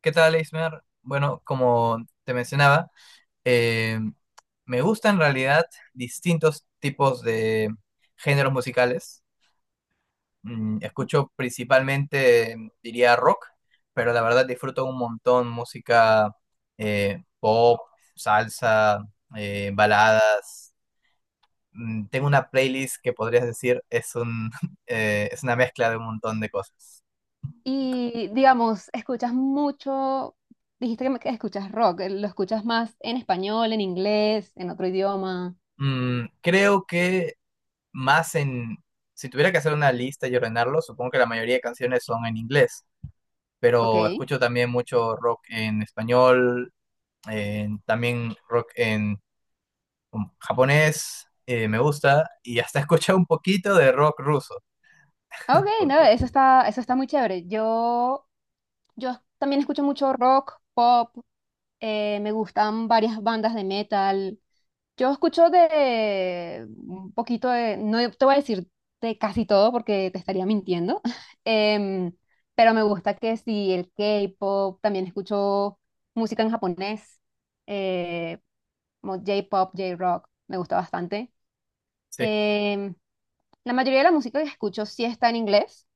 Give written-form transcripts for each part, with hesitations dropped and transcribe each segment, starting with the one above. ¿Qué tal, Eismer? Bueno, como te mencionaba, eh, me gustan en realidad distintos tipos de géneros musicales. Mm, escucho principalmente, diría, rock, pero la verdad disfruto un montón música pop, salsa, baladas. Mm, tengo una playlist que podrías decir es un, es una mezcla de un montón de cosas. Y digamos, escuchas mucho, que escuchas rock, ¿lo escuchas más en español, en inglés, en otro idioma? Mm, creo que más en, si tuviera que hacer una lista y ordenarlo, supongo que la mayoría de canciones son en inglés, pero Ok. escucho también mucho rock en español, en- también rock en japonés, me gusta, y hasta he escuchado un poquito de rock ruso, Ah, ok, no, porque eso está muy chévere. Yo también escucho mucho rock, pop, me gustan varias bandas de metal. Yo escucho de un poquito de, no te voy a decir de casi todo porque te estaría mintiendo. em, pero me gusta que sí, el K-pop, también escucho música en japonés, eh, como J-pop, J-rock, me gusta bastante. sí, Em, la mayoría de la música que escucho sí está en inglés.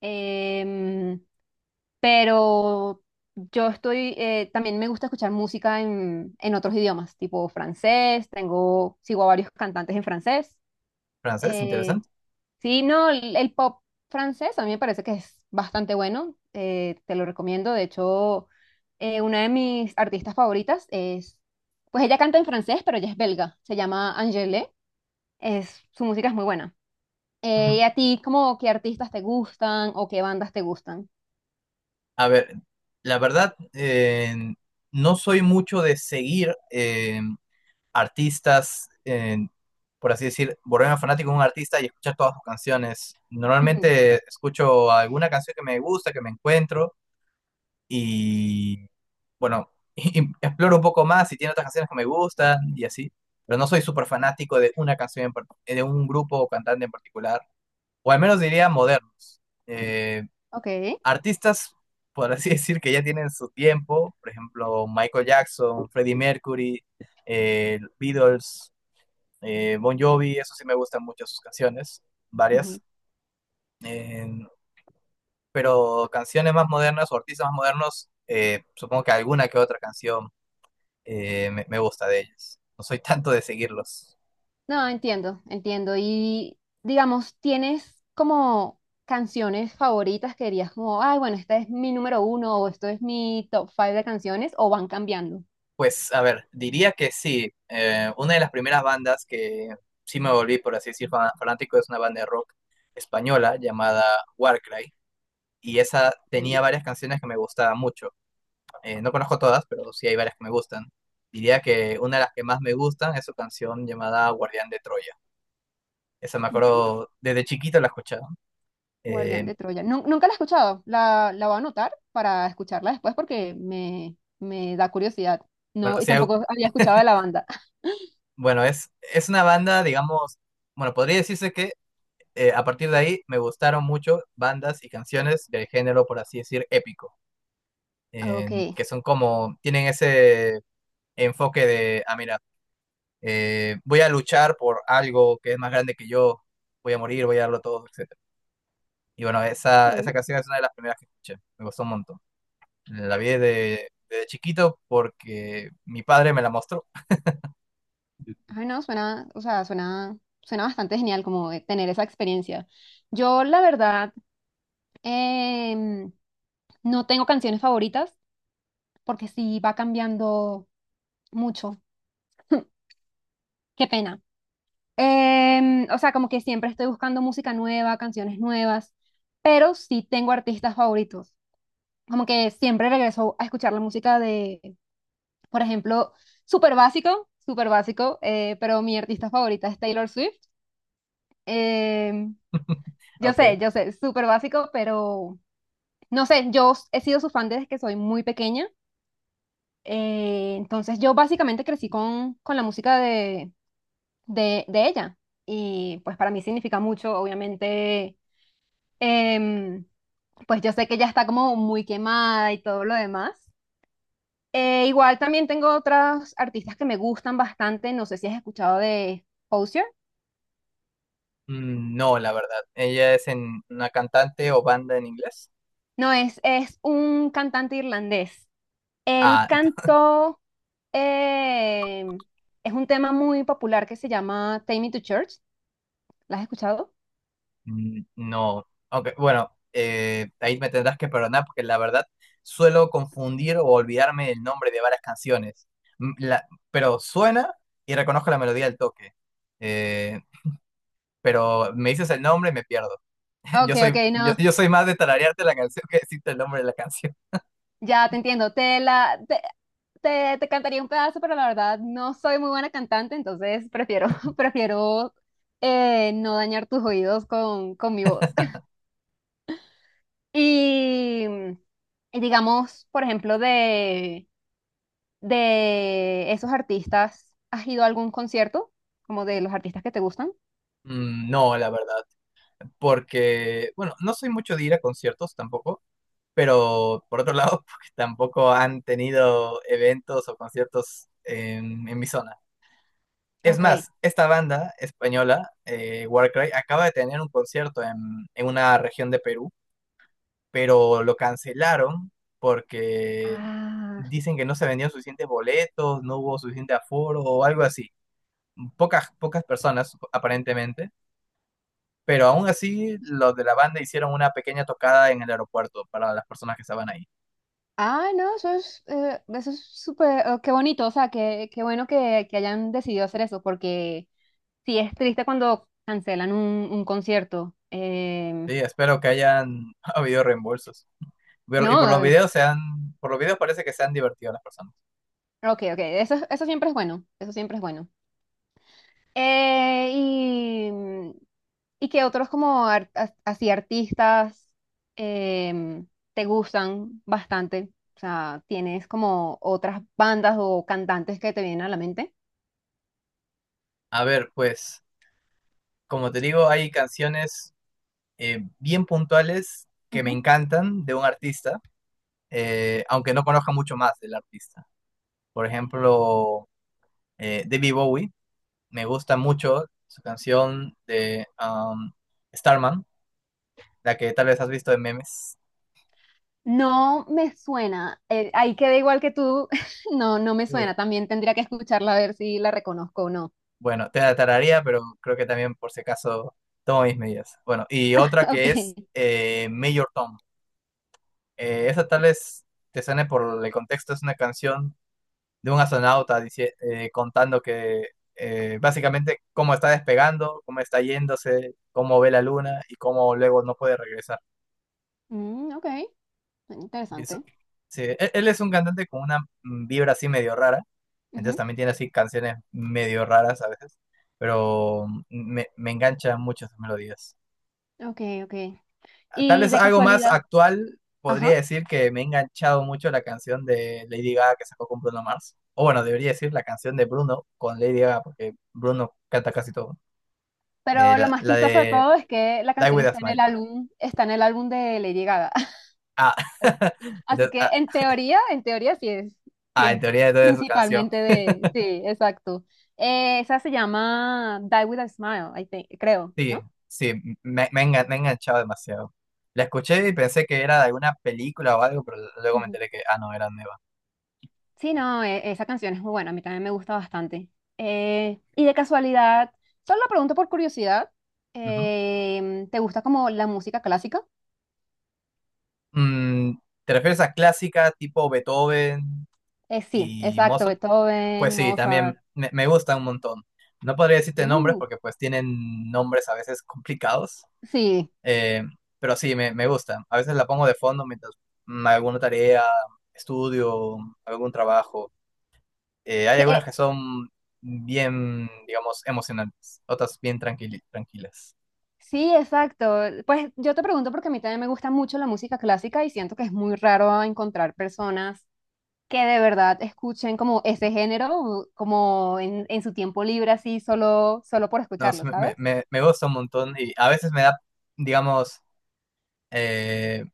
Em, pero yo estoy, también me gusta escuchar música en otros idiomas, tipo francés, tengo, sigo a varios cantantes en francés. francés, Eh, interesante. sí, no, el pop francés a mí me parece que es bastante bueno, te lo recomiendo. De hecho, una de mis artistas favoritas es, pues ella canta en francés, pero ella es belga, se llama Angèle, es, su música es muy buena. Mm. ¿Y a ti, como qué artistas te gustan o qué bandas te gustan? A ver, la verdad, no soy mucho de seguir. Artistas, por así decir, volverme fanático de un artista y escuchar todas sus canciones. Ujú. Normalmente escucho alguna canción que me gusta, que me encuentro y, bueno, y exploro un poco más si tiene otras canciones que me gustan y así. Pero no soy súper fanático de una canción, en par- de un grupo o cantante en particular, o al menos diría modernos. Eh, Ok. artistas, por así decir, que ya tienen su tiempo, por ejemplo, Michael Jackson, Freddie Mercury, Beatles, Bon Jovi, eso sí me gustan mucho sus canciones, varias. Ujú. Eh, pero canciones más modernas o artistas más modernos, supongo que alguna que otra canción me gusta de ellos. No soy tanto de seguirlos. No, entiendo, entiendo. Y digamos, ¿tienes como canciones favoritas que dirías como, ay, bueno, esta es mi número uno o esto es mi top 5 de canciones, o van cambiando? Pues a ver, diría que sí. Una de las primeras bandas que sí me volví, por así decir, fanático es una banda de rock española llamada Warcry. Y esa Ok. tenía varias canciones que me gustaban mucho. No conozco todas, pero sí hay varias que me gustan. Diría que una de las que más me gustan es su canción llamada Guardián de Troya. Esa me Ujú. acuerdo, desde chiquito la escuchaba. Eh, Guardián de Troya. Nunca la he escuchado. La voy a anotar para escucharla después porque me da curiosidad. bueno, o No, y sea, tampoco había escuchado de la banda. bueno, es una banda, digamos, bueno, podría decirse que a partir de ahí me gustaron mucho bandas y canciones del género, por así decir, épico, Ok. en- que son como, tienen ese enfoque de, ah, mira, voy a luchar por algo que es más grande que yo, voy a morir, voy a darlo todo, etc. Y bueno, esa Sí. canción es una de las primeras que escuché. Me gustó un montón. La vi de chiquito porque mi padre me la mostró. Ay, no, suena, o sea, suena, suena bastante genial como de tener esa experiencia. Yo, la verdad, em, no tengo canciones favoritas porque sí va cambiando mucho. Qué pena. Em, o sea, como que siempre estoy buscando música nueva, canciones nuevas, pero sí tengo artistas favoritos. Como que siempre regreso a escuchar la música de, por ejemplo, súper básico, pero mi artista favorita es Taylor Swift. Em, Ok. yo sé, súper básico, pero no sé, yo he sido su fan desde que soy muy pequeña. Entonces yo básicamente crecí con la música de ella y pues para mí significa mucho, obviamente. em, pues yo sé que ella está como muy quemada y todo lo demás. Igual también tengo otras artistas que me gustan bastante, no sé si has escuchado de Osier. Mm, no, la verdad. ¿Ella es en una cantante o banda en inglés? No, es un cantante irlandés. Él Ah, ent- cantó, em, es un tema muy popular que se llama Take Me to Church. ¿La has escuchado? mm, no. Aunque, bueno, ahí me tendrás que perdonar porque la verdad suelo confundir o olvidarme el nombre de varias canciones. Mm, la- pero suena y reconozco la melodía al toque. Eh, pero me dices el nombre y me pierdo. Ok, ok, no. yo soy más de tararearte la canción que decirte el nombre de la canción. Ya te entiendo, te cantaría un pedazo, pero la verdad no soy muy buena cantante, entonces prefiero, prefiero no dañar tus oídos con mi voz. Y, y digamos, por ejemplo, de esos artistas, ¿has ido a algún concierto? Como de los artistas que te gustan. Mm, no, la verdad, porque, bueno, no soy mucho de ir a conciertos tampoco, pero por otro lado, porque tampoco han tenido eventos o conciertos en mi zona. Es Okay. más, esta banda española, Warcry, acaba de tener un concierto en una región de Perú, pero lo cancelaron porque Ah, dicen que no se vendían suficientes boletos, no hubo suficiente aforo o algo así. Pocas, pocas personas aparentemente, pero aún así los de la banda hicieron una pequeña tocada en el aeropuerto para las personas que estaban ahí. ah, no, eso es súper, qué bonito, o sea, qué, qué bueno que hayan decidido hacer eso, porque sí, es triste cuando cancelan un concierto. Em, Sí, espero que hayan habido reembolsos. Pero- y no, por los videos se han, por los videos parece que se han divertido las personas. ok, ok, eso, eso siempre es bueno, eso siempre es bueno. Eh, y, y que otros como así artistas em, te gustan bastante. O sea, tienes como otras bandas o cantantes que te vienen a la mente. A ver, pues, como te digo, hay canciones bien puntuales que me Ujú. encantan de un artista, aunque no conozca mucho más del artista. Por ejemplo, David Bowie, me gusta mucho su canción de Starman, la que tal vez has visto en memes. No me suena, ahí queda igual que tú, no, no me suena, Uy, también tendría que escucharla a ver si la reconozco o no. bueno, te la tararía, pero creo que también por si acaso tomo mis medidas. Bueno, y otra que es Ok. Major Tom. Esa tal vez te suene por el contexto, es una canción de un astronauta dice, contando que básicamente cómo está despegando, cómo está yéndose, cómo ve la luna y cómo luego no puede regresar. Mm, ok, Y eso- interesante. sí, él es un cantante con una mm, vibra así medio rara, entonces Ujú. también tiene así canciones medio raras a veces, pero mm, me engancha mucho sus melodías. Ok, ok. Tal Y vez de algo más casualidad, actual, ajá. podría decir que me ha enganchado mucho la canción de Lady Gaga que sacó con Bruno Mars, o bueno, debería decir la canción de Bruno con Lady Gaga, porque Bruno canta casi todo. Pero lo más La chistoso de de todo es que la Die canción With A está en el Smile. álbum, está en el álbum de Lady Gaga. Ah, Así entonces, que ah, en teoría sí ah, en es teoría entonces es su canción. principalmente de, sí, exacto. Esa se llama Die With a Smile, I think- creo, Sí, ¿no? sí, me he enganchado demasiado. La escuché y pensé que era de alguna película o algo, pero luego me enteré que, ah, no, era nueva. Sí, no, esa canción es muy buena, a mí también me gusta bastante. Y de casualidad, solo lo pregunto por curiosidad, Ujú. em, ¿te gusta como la música clásica? Mm, ¿te refieres a clásica tipo Beethoven Sí, y exacto, Mozart? Pues Beethoven, sí, también Mozart. Me gusta un montón. No podría decirte nombres Uh, porque pues tienen nombres a veces complicados, sí, eh, pero sí, me gusta. A veces la pongo de fondo mientras mm, alguna tarea, estudio, algún trabajo. Hay que, algunas que son bien, digamos, emocionantes, otras bien tranquilas. sí, exacto. Pues yo te pregunto porque a mí también me gusta mucho la música clásica y siento que es muy raro encontrar personas que de verdad escuchen como ese género, como en su tiempo libre, así, solo, solo por No, escucharlo, sí, ¿sabes? Me gusta un montón y a veces me da, digamos, eh,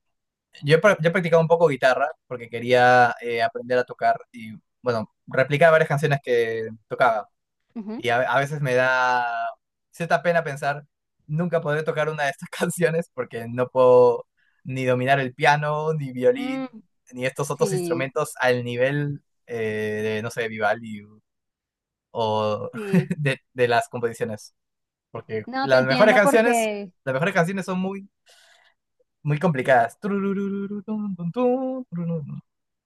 yo he practicado un poco guitarra porque quería aprender a tocar y, bueno, replicar varias canciones que tocaba. Y a veces me da cierta pena pensar, nunca podré tocar una de estas canciones porque no puedo ni dominar el piano, ni violín, Ujú. ni estos otros Sí, instrumentos al nivel de, no sé, Vivaldi o sí. De las composiciones. Porque No, te entiendo porque, las mejores canciones son muy, muy complicadas. Tururururutun, tun, tun, turururun.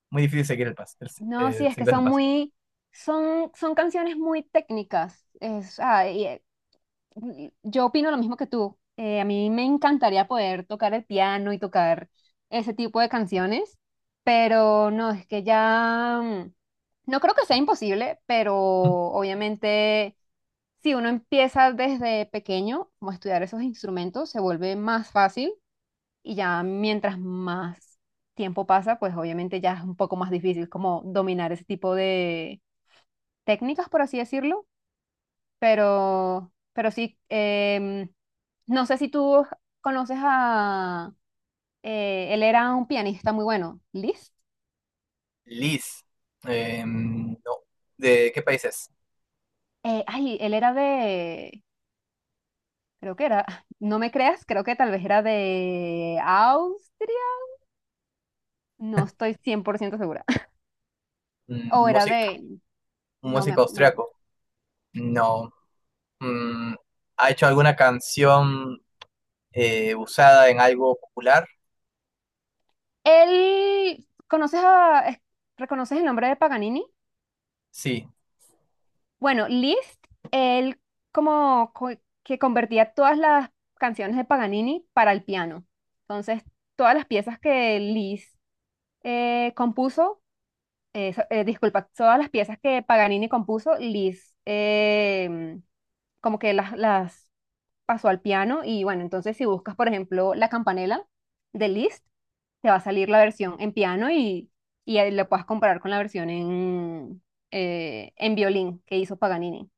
Muy difícil seguir el paso, el- no, sí, es que seguirles el son paso. muy, son, son canciones muy técnicas. Es, ah, y yo opino lo mismo que tú. A mí me encantaría poder tocar el piano y tocar ese tipo de canciones, pero no, es que ya, mm, no creo que sea imposible, pero obviamente si uno empieza desde pequeño como a estudiar esos instrumentos, se vuelve más fácil y ya mientras más tiempo pasa, pues obviamente ya es un poco más difícil como dominar ese tipo de técnicas, por así decirlo, pero sí, em, no sé si tú conoces a, él era un pianista muy bueno, Liszt. Liz, no, ¿de qué países? Ay, él era de, creo que era, no me creas, creo que tal vez era de Austria, no estoy 100% segura. O era Música, de, un músico no me... austriaco. No. Mm, ¿ha hecho alguna canción usada en algo popular? Él, ¿conoces a, reconoces el nombre de Paganini? Sí. Bueno, Liszt, él como co- que convertía todas las canciones de Paganini para el piano. Entonces, todas las piezas que Liszt compuso, disculpa, todas las piezas que Paganini compuso, Liszt, como que las pasó al piano y bueno, entonces si buscas, por ejemplo, La Campanela de Liszt, te va a salir la versión en piano y ahí la puedas comparar con la versión en violín que hizo Paganini.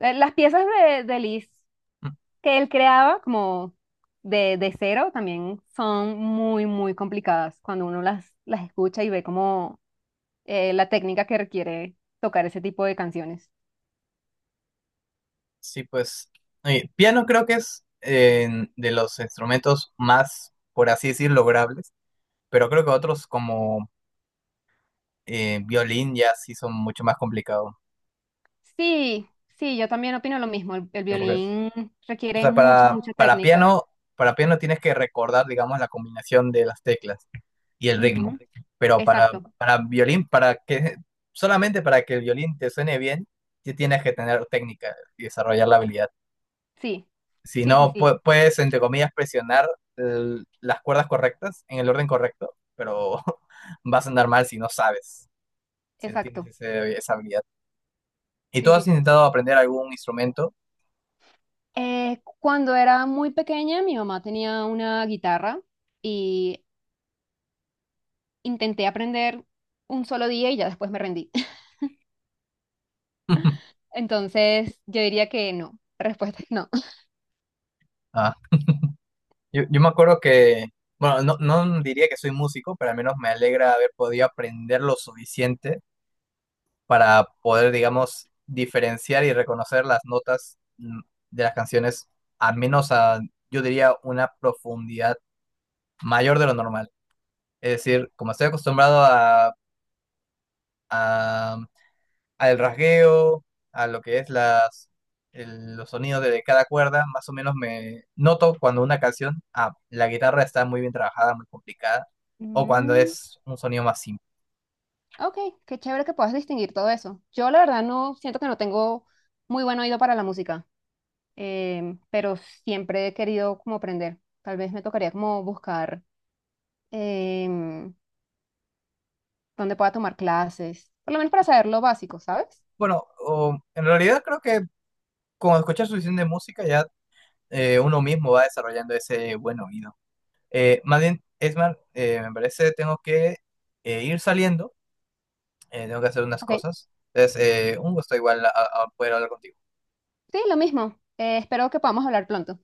Las piezas de Liszt Mm, que él creaba como de cero también son muy, muy complicadas cuando uno las escucha y ve como la técnica que requiere tocar ese tipo de canciones. sí, pues. Piano creo que es de los instrumentos más, por así decir, logrables. Pero creo que otros como violín ya sí son mucho más complicados. Sí, sí, yo también opino lo mismo. El violín O requiere sea, mucha, mucha técnica. Para piano tienes que recordar, digamos, la combinación de las teclas y el Ujú. ritmo. Pero Exacto, para violín, para que solamente para que el violín te suene bien, sí tienes que tener técnica y desarrollar la habilidad. sí, Si sí, sí, no, sí, pu- puedes, entre comillas, presionar el- las cuerdas correctas en el orden correcto, pero vas a andar mal si no sabes, si no tienes exacto. Esa habilidad. ¿Y Sí, tú sí, has sí. intentado aprender algún instrumento? Cuando era muy pequeña, mi mamá tenía una guitarra y intenté aprender un solo día y ya después me rendí. Entonces, yo diría que no. La respuesta es no. Ah. Yo me acuerdo que, bueno, no, no diría que soy músico, pero al menos me alegra haber podido aprender lo suficiente para poder, digamos, diferenciar y reconocer las notas mm, de las canciones, al menos a, yo diría, una profundidad mayor de lo normal. Es decir, como estoy acostumbrado a al rasgueo, a lo que es las, el- los sonidos de cada cuerda, más o menos me noto cuando una canción, ah, la guitarra está muy bien trabajada, muy complicada, o cuando Mm, es un sonido más simple. ok, qué chévere que puedas distinguir todo eso. Yo la verdad no siento que no tengo muy buen oído para la música, em, pero siempre he querido como aprender. Tal vez me tocaría como buscar em, dónde pueda tomar clases, por lo menos para saber lo básico, ¿sabes? Bueno, o- en realidad creo que con escuchar suficiente música ya uno mismo va desarrollando ese buen oído. Más bien, Esmar, me parece tengo que ir saliendo, tengo que hacer unas Ok, cosas. Entonces, un gusto igual poder hablar contigo. sí, lo mismo. Espero que podamos hablar pronto.